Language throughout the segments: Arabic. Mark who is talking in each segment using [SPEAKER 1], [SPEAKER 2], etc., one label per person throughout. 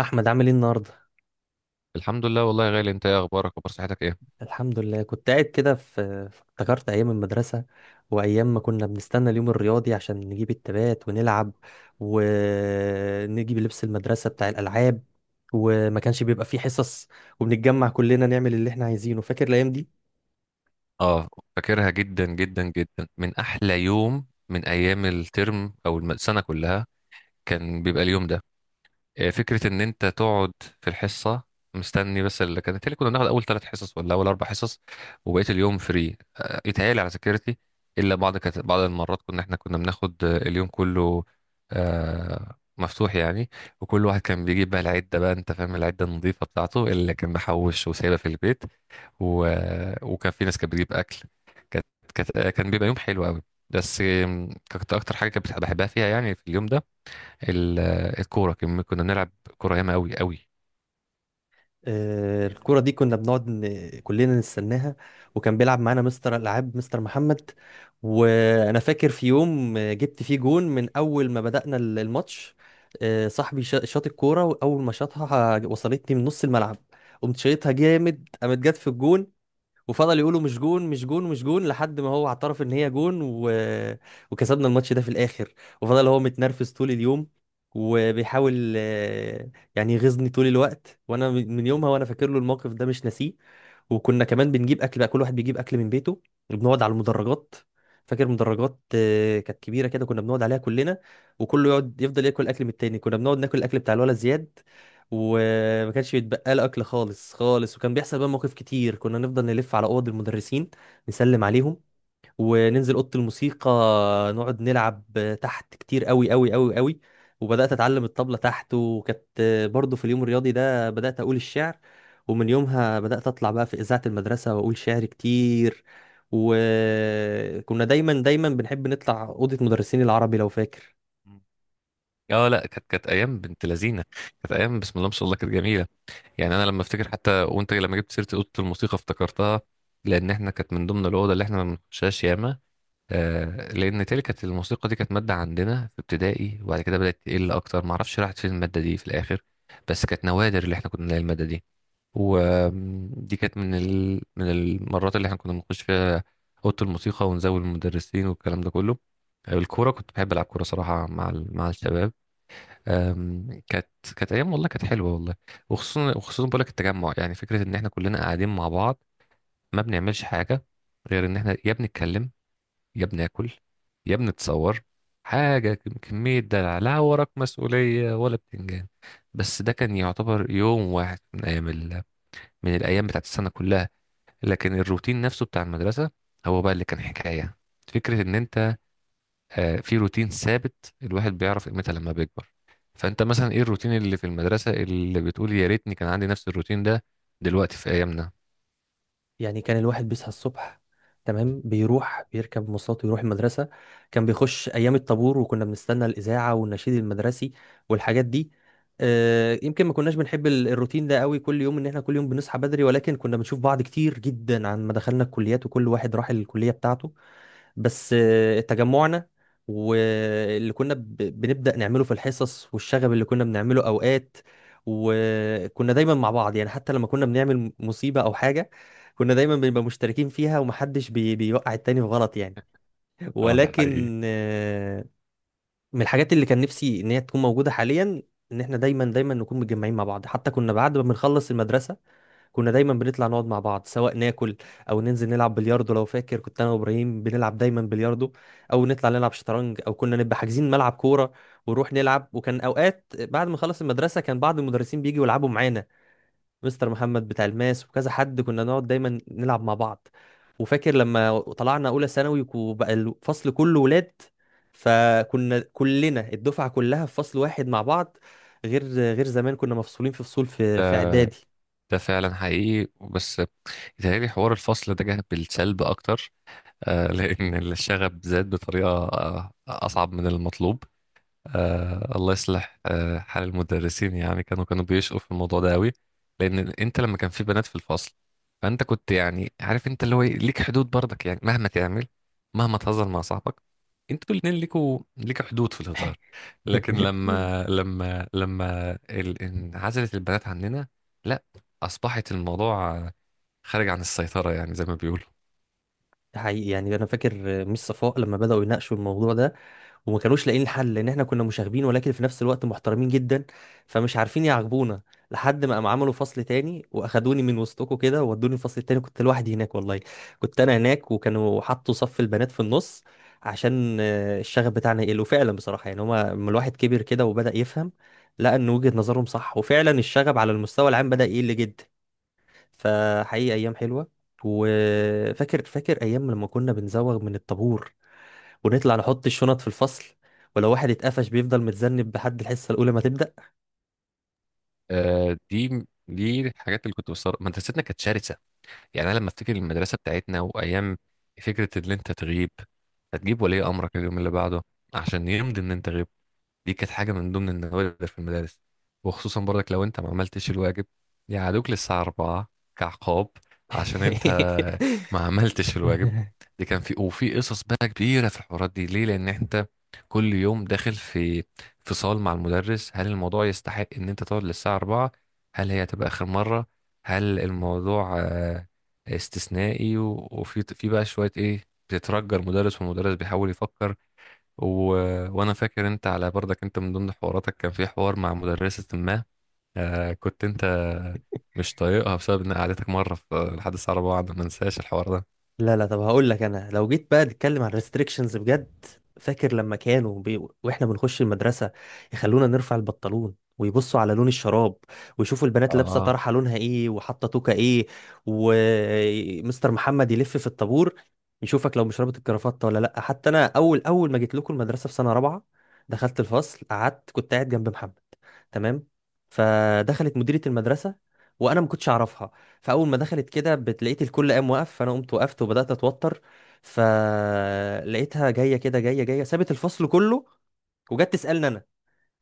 [SPEAKER 1] احمد، عامل ايه النهارده؟
[SPEAKER 2] الحمد لله والله يا غالي، انت ايه اخبارك؟ اخبار صحتك ايه؟
[SPEAKER 1] الحمد لله. كنت قاعد كده افتكرت ايام المدرسه، وايام ما كنا بنستنى اليوم الرياضي عشان نجيب التبات ونلعب، ونجيب لبس المدرسه بتاع الالعاب، وما كانش بيبقى فيه حصص، وبنتجمع كلنا نعمل اللي احنا عايزينه. فاكر الايام دي؟
[SPEAKER 2] اه، فاكرها جدا جدا جدا. من احلى يوم من ايام الترم او السنه كلها كان بيبقى اليوم ده. فكره ان انت تقعد في الحصه مستني، بس اللي كانت، اللي كنا بناخد اول ثلاث حصص ولا اول اربع حصص وبقيه اليوم فري، يتهيألي على ذاكرتي. الا بعض، كانت بعض المرات كنا بناخد اليوم كله، مفتوح يعني. وكل واحد كان بيجيب بقى العده، بقى انت فاهم العده النظيفه بتاعته اللي كان محوش وسايبها في البيت. و... وكان في ناس كانت بتجيب اكل. كانت كان بيبقى يوم حلو قوي. بس كانت اكتر حاجه كنت بحبها فيها يعني في اليوم ده الكوره. كنا بنلعب كوره ياما، قوي قوي.
[SPEAKER 1] الكرة دي كنا بنقعد كلنا نستناها، وكان بيلعب معانا مستر الألعاب مستر محمد. وأنا فاكر في يوم جبت فيه جون من أول ما بدأنا الماتش. صاحبي شاط الكورة، وأول ما شاطها وصلتني من نص الملعب، قمت شايطها جامد، قامت جت في الجون. وفضل يقولوا مش جون مش جون مش جون لحد ما هو اعترف ان هي جون، وكسبنا الماتش ده في الاخر. وفضل هو متنرفز طول اليوم، وبيحاول يعني يغيظني طول الوقت. وانا من يومها وانا فاكر له الموقف ده، مش ناسيه. وكنا كمان بنجيب اكل بقى، كل واحد بيجيب اكل من بيته، وبنقعد على المدرجات. فاكر مدرجات كانت كبيره كده، كنا بنقعد عليها كلنا، وكله يقعد يفضل ياكل اكل من التاني. كنا بنقعد ناكل الاكل بتاع الولد زياد، وما كانش بيتبقى له اكل خالص. وكان بيحصل بقى مواقف كتير. كنا نفضل نلف على اوض المدرسين، نسلم عليهم، وننزل اوضه الموسيقى نقعد نلعب تحت كتير قوي قوي قوي قوي. وبدات اتعلم الطبله تحت، وكانت برضو في اليوم الرياضي ده بدات اقول الشعر. ومن يومها بدات اطلع بقى في اذاعه المدرسه واقول شعر كتير. وكنا دايما بنحب نطلع اوضه مدرسين العربي لو فاكر.
[SPEAKER 2] اه، لا، كانت ايام بنت لذينه. كانت ايام بسم الله ما شاء الله، كانت جميله. يعني انا لما افتكر، حتى وانت لما جبت سيره اوضه الموسيقى افتكرتها، لان احنا كانت من ضمن الاوضه اللي احنا ما بنخشهاش ياما. آه، لان تلك كانت الموسيقى دي، كانت ماده عندنا في ابتدائي، وبعد كده بدات تقل. اكتر ما اعرفش راحت فين الماده دي في الاخر. بس كانت نوادر اللي احنا كنا نلاقي الماده دي. ودي كانت من المرات اللي احنا كنا بنخش فيها اوضه الموسيقى ونزود المدرسين والكلام ده كله. الكوره كنت بحب العب كوره صراحه مع الشباب. آم، كانت كانت ايام والله، كانت حلوه والله. وخصوصا، وخصوصا بقول لك التجمع، يعني فكره ان احنا كلنا قاعدين مع بعض ما بنعملش حاجه غير ان احنا يا بنتكلم، يا بناكل، يا بنتصور. حاجة كمية دلع، لا وراك مسؤولية ولا بتنجان. بس ده كان يعتبر يوم واحد من الأيام بتاعت السنة كلها. لكن الروتين نفسه بتاع المدرسة هو بقى اللي كان حكاية. فكرة إن أنت، في روتين ثابت، الواحد بيعرف قيمتها لما بيكبر. فأنت مثلا إيه الروتين اللي في المدرسة اللي بتقول يا ريتني كان عندي نفس الروتين ده دلوقتي في أيامنا؟
[SPEAKER 1] يعني كان الواحد بيصحى الصبح، تمام، بيروح بيركب مواصلات ويروح المدرسة. كان بيخش أيام الطابور، وكنا بنستنى الإذاعة والنشيد المدرسي والحاجات دي. يمكن ما كناش بنحب الروتين ده قوي كل يوم، ان احنا كل يوم بنصحى بدري، ولكن كنا بنشوف بعض كتير جدا عن ما دخلنا الكليات وكل واحد راح الكلية بتاعته. بس تجمعنا واللي كنا بنبدأ نعمله في الحصص، والشغب اللي كنا بنعمله أوقات، وكنا دايما مع بعض. يعني حتى لما كنا بنعمل مصيبة أو حاجة، كنا دايما بنبقى مشتركين فيها، ومحدش بيوقع التاني في غلط يعني.
[SPEAKER 2] اه، ده حقيقي.
[SPEAKER 1] ولكن من الحاجات اللي كان نفسي إن هي تكون موجودة حاليا، إن إحنا دايما نكون متجمعين مع بعض. حتى كنا بعد ما بنخلص المدرسة، كنا دايما بنطلع نقعد مع بعض، سواء ناكل، او ننزل نلعب بلياردو. لو فاكر، كنت انا وابراهيم بنلعب دايما بلياردو، او نطلع نلعب شطرنج، او كنا نبقى حاجزين ملعب كوره ونروح نلعب. وكان اوقات بعد ما خلص المدرسه كان بعض المدرسين بيجوا يلعبوا معانا، مستر محمد بتاع الماس وكذا حد، كنا نقعد دايما نلعب مع بعض. وفاكر لما طلعنا اولى ثانوي وبقى الفصل كله ولاد، فكنا كلنا الدفعه كلها في فصل واحد مع بعض، غير زمان كنا مفصولين في فصول في
[SPEAKER 2] ده
[SPEAKER 1] اعدادي.
[SPEAKER 2] ده فعلا حقيقي، بس بيتهيألي حوار الفصل ده جه بالسلب أكتر. آه، لأن الشغب زاد بطريقة أصعب من المطلوب. الله يصلح حال المدرسين. يعني كانوا بيشقوا في الموضوع ده أوي، لأن أنت لما كان في بنات في الفصل فأنت كنت يعني عارف أنت اللي هو إيه، ليك حدود برضك، يعني مهما تعمل، مهما تهزر مع صاحبك، انتوا الاتنين ليكوا، ليك حدود في الهزار. لكن لما انعزلت البنات عننا، لا، أصبحت الموضوع خارج عن السيطرة، يعني زي ما بيقولوا.
[SPEAKER 1] ده حقيقي. يعني انا فاكر ميس صفاء لما بداوا يناقشوا الموضوع ده، وما كانوش لاقيين الحل، لان احنا كنا مشاغبين ولكن في نفس الوقت محترمين جدا، فمش عارفين يعاقبونا. لحد ما قام عملوا فصل تاني واخدوني من وسطكم كده وودوني الفصل التاني. كنت لوحدي هناك والله، كنت انا هناك، وكانوا حطوا صف البنات في النص، عشان الشغف بتاعنا يقل. وفعلا بصراحه يعني هما، لما الواحد كبر كده وبدا يفهم، لقى ان وجهه نظرهم صح، وفعلا الشغب على المستوى العام بدا يقل جدا. فحقيقي ايام حلوه. وفاكر، ايام لما كنا بنزوغ من الطابور ونطلع نحط الشنط في الفصل، ولو واحد اتقفش بيفضل متذنب لحد الحصه الاولى ما تبدا.
[SPEAKER 2] دي الحاجات اللي كنت بستغرب. مدرستنا كانت شرسة. يعني أنا لما أفتكر المدرسة بتاعتنا وأيام، فكرة إن أنت تغيب هتجيب ولي أمرك اليوم اللي بعده عشان يمضي إن أنت غبت، دي كانت حاجة من ضمن النوادر في المدارس. وخصوصا برضك لو انت ما عملتش الواجب يقعدوك للساعة 4 كعقاب، عشان انت ما عملتش الواجب. دي كان في، وفي قصص بقى كبيرة في الحوارات دي. ليه؟ لأن انت كل يوم داخل في فصال مع المدرس، هل الموضوع يستحق ان انت تقعد للساعة 4؟ هل هي هتبقى آخر مرة؟ هل الموضوع استثنائي؟ وفي في بقى شوية ايه، بتترجى المدرس والمدرس بيحاول يفكر. و... وانا فاكر انت، على برضك انت من ضمن حواراتك كان في حوار مع مدرسة ما، آه، كنت انت مش طايقها بسبب ان قعدتك مرة في لحد الساعة 4، بعد ما انساش الحوار ده.
[SPEAKER 1] لا طب هقول لك، انا لو جيت بقى نتكلم عن ريستريكشنز بجد، فاكر لما واحنا بنخش المدرسه، يخلونا نرفع البنطلون ويبصوا على لون الشراب، ويشوفوا البنات لابسه
[SPEAKER 2] اه.
[SPEAKER 1] طرحه لونها ايه وحاطه توكه ايه. ومستر محمد يلف في الطابور يشوفك لو مش رابط الكرافته ولا لا. حتى انا اول ما جيت لكم المدرسه في سنه رابعه، دخلت الفصل قعدت، كنت قاعد جنب محمد، تمام. فدخلت مديره المدرسه وانا ما كنتش اعرفها، فاول ما دخلت كده لقيت الكل قام وقف، فانا قمت وقفت وبدات اتوتر. فلقيتها جايه كده، جايه سابت الفصل كله وجت تسالني انا.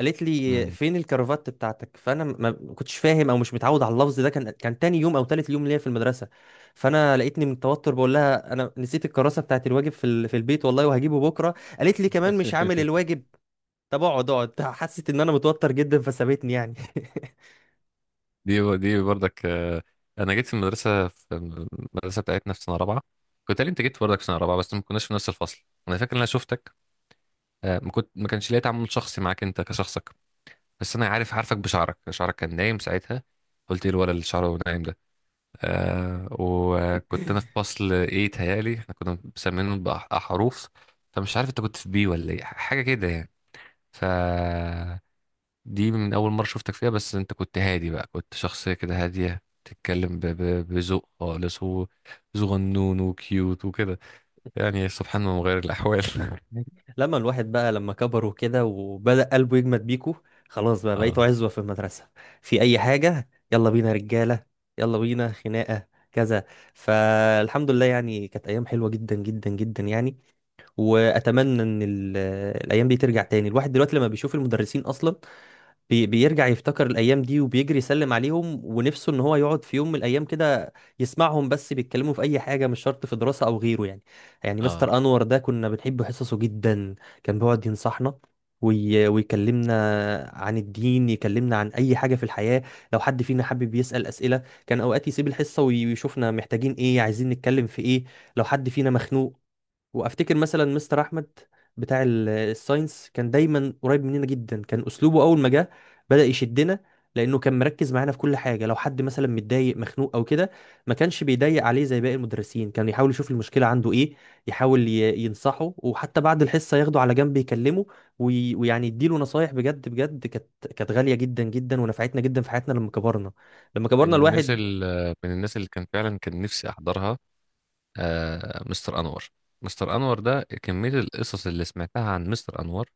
[SPEAKER 1] قالت لي
[SPEAKER 2] مم.
[SPEAKER 1] فين الكرافات بتاعتك؟ فانا ما كنتش فاهم او مش متعود على اللفظ ده، كان تاني يوم او تالت يوم ليا في المدرسه. فانا لقيتني من التوتر بقول لها انا نسيت الكراسه بتاعت الواجب في في البيت والله، وهجيبه بكره. قالت لي كمان مش عامل الواجب؟ طب اقعد. حست ان انا متوتر جدا فسابتني يعني.
[SPEAKER 2] دي برضك، انا جيت في المدرسه بتاعتنا في سنه رابعه. كنت، قال انت جيت برضك في سنه رابعه، بس ما كناش في نفس الفصل. انا فاكر ان انا شفتك، ما كانش ليا تعامل شخصي معاك انت كشخصك. بس انا عارف، عارفك بشعرك، شعرك كان نايم ساعتها. قلت ايه الولد اللي شعره نايم؟ آه، وكنت انا في فصل ايه، تهيالي احنا كنا مسمينه بأحرف، فمش عارف انت كنت في بي ولا ايه حاجه كده يعني. ف دي من اول مره شفتك فيها، بس انت كنت هادي بقى، كنت شخصيه كده هاديه، تتكلم بذوق خالص وصغنون وكيوت وكده. يعني سبحان الله مغير الاحوال.
[SPEAKER 1] لما الواحد بقى لما كبر وكده وبدأ قلبه يجمد بيكو، خلاص بقى بقيتوا
[SPEAKER 2] اه
[SPEAKER 1] عزوة في المدرسة، في أي حاجة يلا بينا رجالة، يلا بينا خناقة كذا. فالحمد لله يعني كانت أيام حلوة جدا جدا جدا يعني. وأتمنى إن الأيام دي ترجع تاني. الواحد دلوقتي لما بيشوف المدرسين أصلا، بيرجع يفتكر الأيام دي، وبيجري يسلم عليهم، ونفسه إن هو يقعد في يوم من الأيام كده يسمعهم بس بيتكلموا في أي حاجة، مش شرط في دراسة أو غيره يعني. يعني
[SPEAKER 2] اه،
[SPEAKER 1] مستر أنور ده كنا بنحب حصصه جدا، كان بيقعد ينصحنا ويكلمنا عن الدين، يكلمنا عن أي حاجة في الحياة. لو حد فينا حابب يسأل أسئلة، كان أوقات يسيب الحصة ويشوفنا محتاجين إيه، عايزين نتكلم في إيه، لو حد فينا مخنوق. وافتكر مثلا مستر احمد بتاع الساينس، كان دايما قريب مننا جدا. كان اسلوبه اول ما جه بدأ يشدنا، لانه كان مركز معانا في كل حاجه. لو حد مثلا متضايق مخنوق او كده، ما كانش بيضايق عليه زي باقي المدرسين، كان يحاول يشوف المشكله عنده ايه، يحاول ينصحه، وحتى بعد الحصه ياخده على جنب يكلمه ويعني يديله نصايح بجد. كانت غاليه جدا جدا ونفعتنا جدا في حياتنا لما كبرنا. لما كبرنا الواحد
[SPEAKER 2] من الناس اللي كان فعلا كان نفسي احضرها آه، مستر انور. مستر انور ده، كميه القصص اللي سمعتها عن مستر انور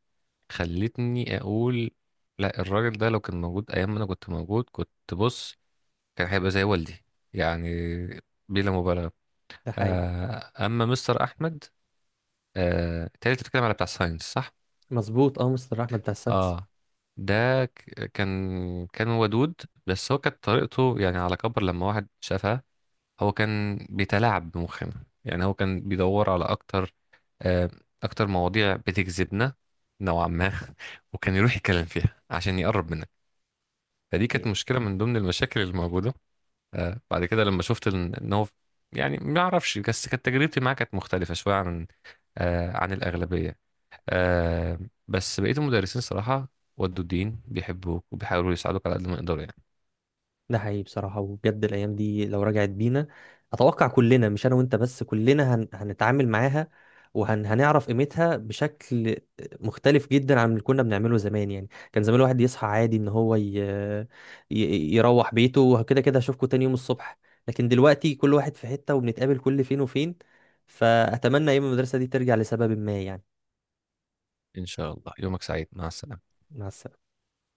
[SPEAKER 2] خلتني اقول لا، الراجل ده لو كان موجود ايام ما انا كنت موجود، كنت بص، كان هيبقى زي والدي، يعني بلا مبالغه.
[SPEAKER 1] ده حقيقي.
[SPEAKER 2] آه، اما مستر احمد، آه تالي، بتتكلم على بتاع ساينس صح؟
[SPEAKER 1] مظبوط، اه مستر احمد بتاع الساينس.
[SPEAKER 2] اه، ده كان ودود، بس هو كانت طريقته، يعني على كبر لما واحد شافها، هو كان بيتلاعب بمخنا. يعني هو كان بيدور على اكتر، آه، اكتر مواضيع بتجذبنا نوعا ما. وكان يروح يتكلم فيها عشان يقرب منها، فدي كانت مشكلة من ضمن المشاكل الموجودة. بعد كده لما شفت إن هو، يعني ما أعرفش، بس كانت تجربتي معاه كانت مختلفة شوية عن، عن الأغلبية. آه، بس بقية المدرسين صراحة، ودوا الدين، بيحبوك وبيحاولوا يساعدوك على قد ما يقدروا يعني.
[SPEAKER 1] ده حقيقي بصراحة، وبجد الأيام دي لو رجعت بينا، أتوقع كلنا مش أنا وأنت بس، كلنا هنتعامل معاها، وهنعرف قيمتها بشكل مختلف جدا عن اللي كنا بنعمله زمان. يعني كان زمان الواحد يصحى عادي إن هو يروح بيته، وكده كده هشوفكوا تاني يوم الصبح. لكن دلوقتي كل واحد في حتة، وبنتقابل كل فين وفين. فأتمنى أيام المدرسة دي ترجع لسبب ما يعني.
[SPEAKER 2] إن شاء الله، يومك سعيد، مع السلامة.
[SPEAKER 1] مع السلامة.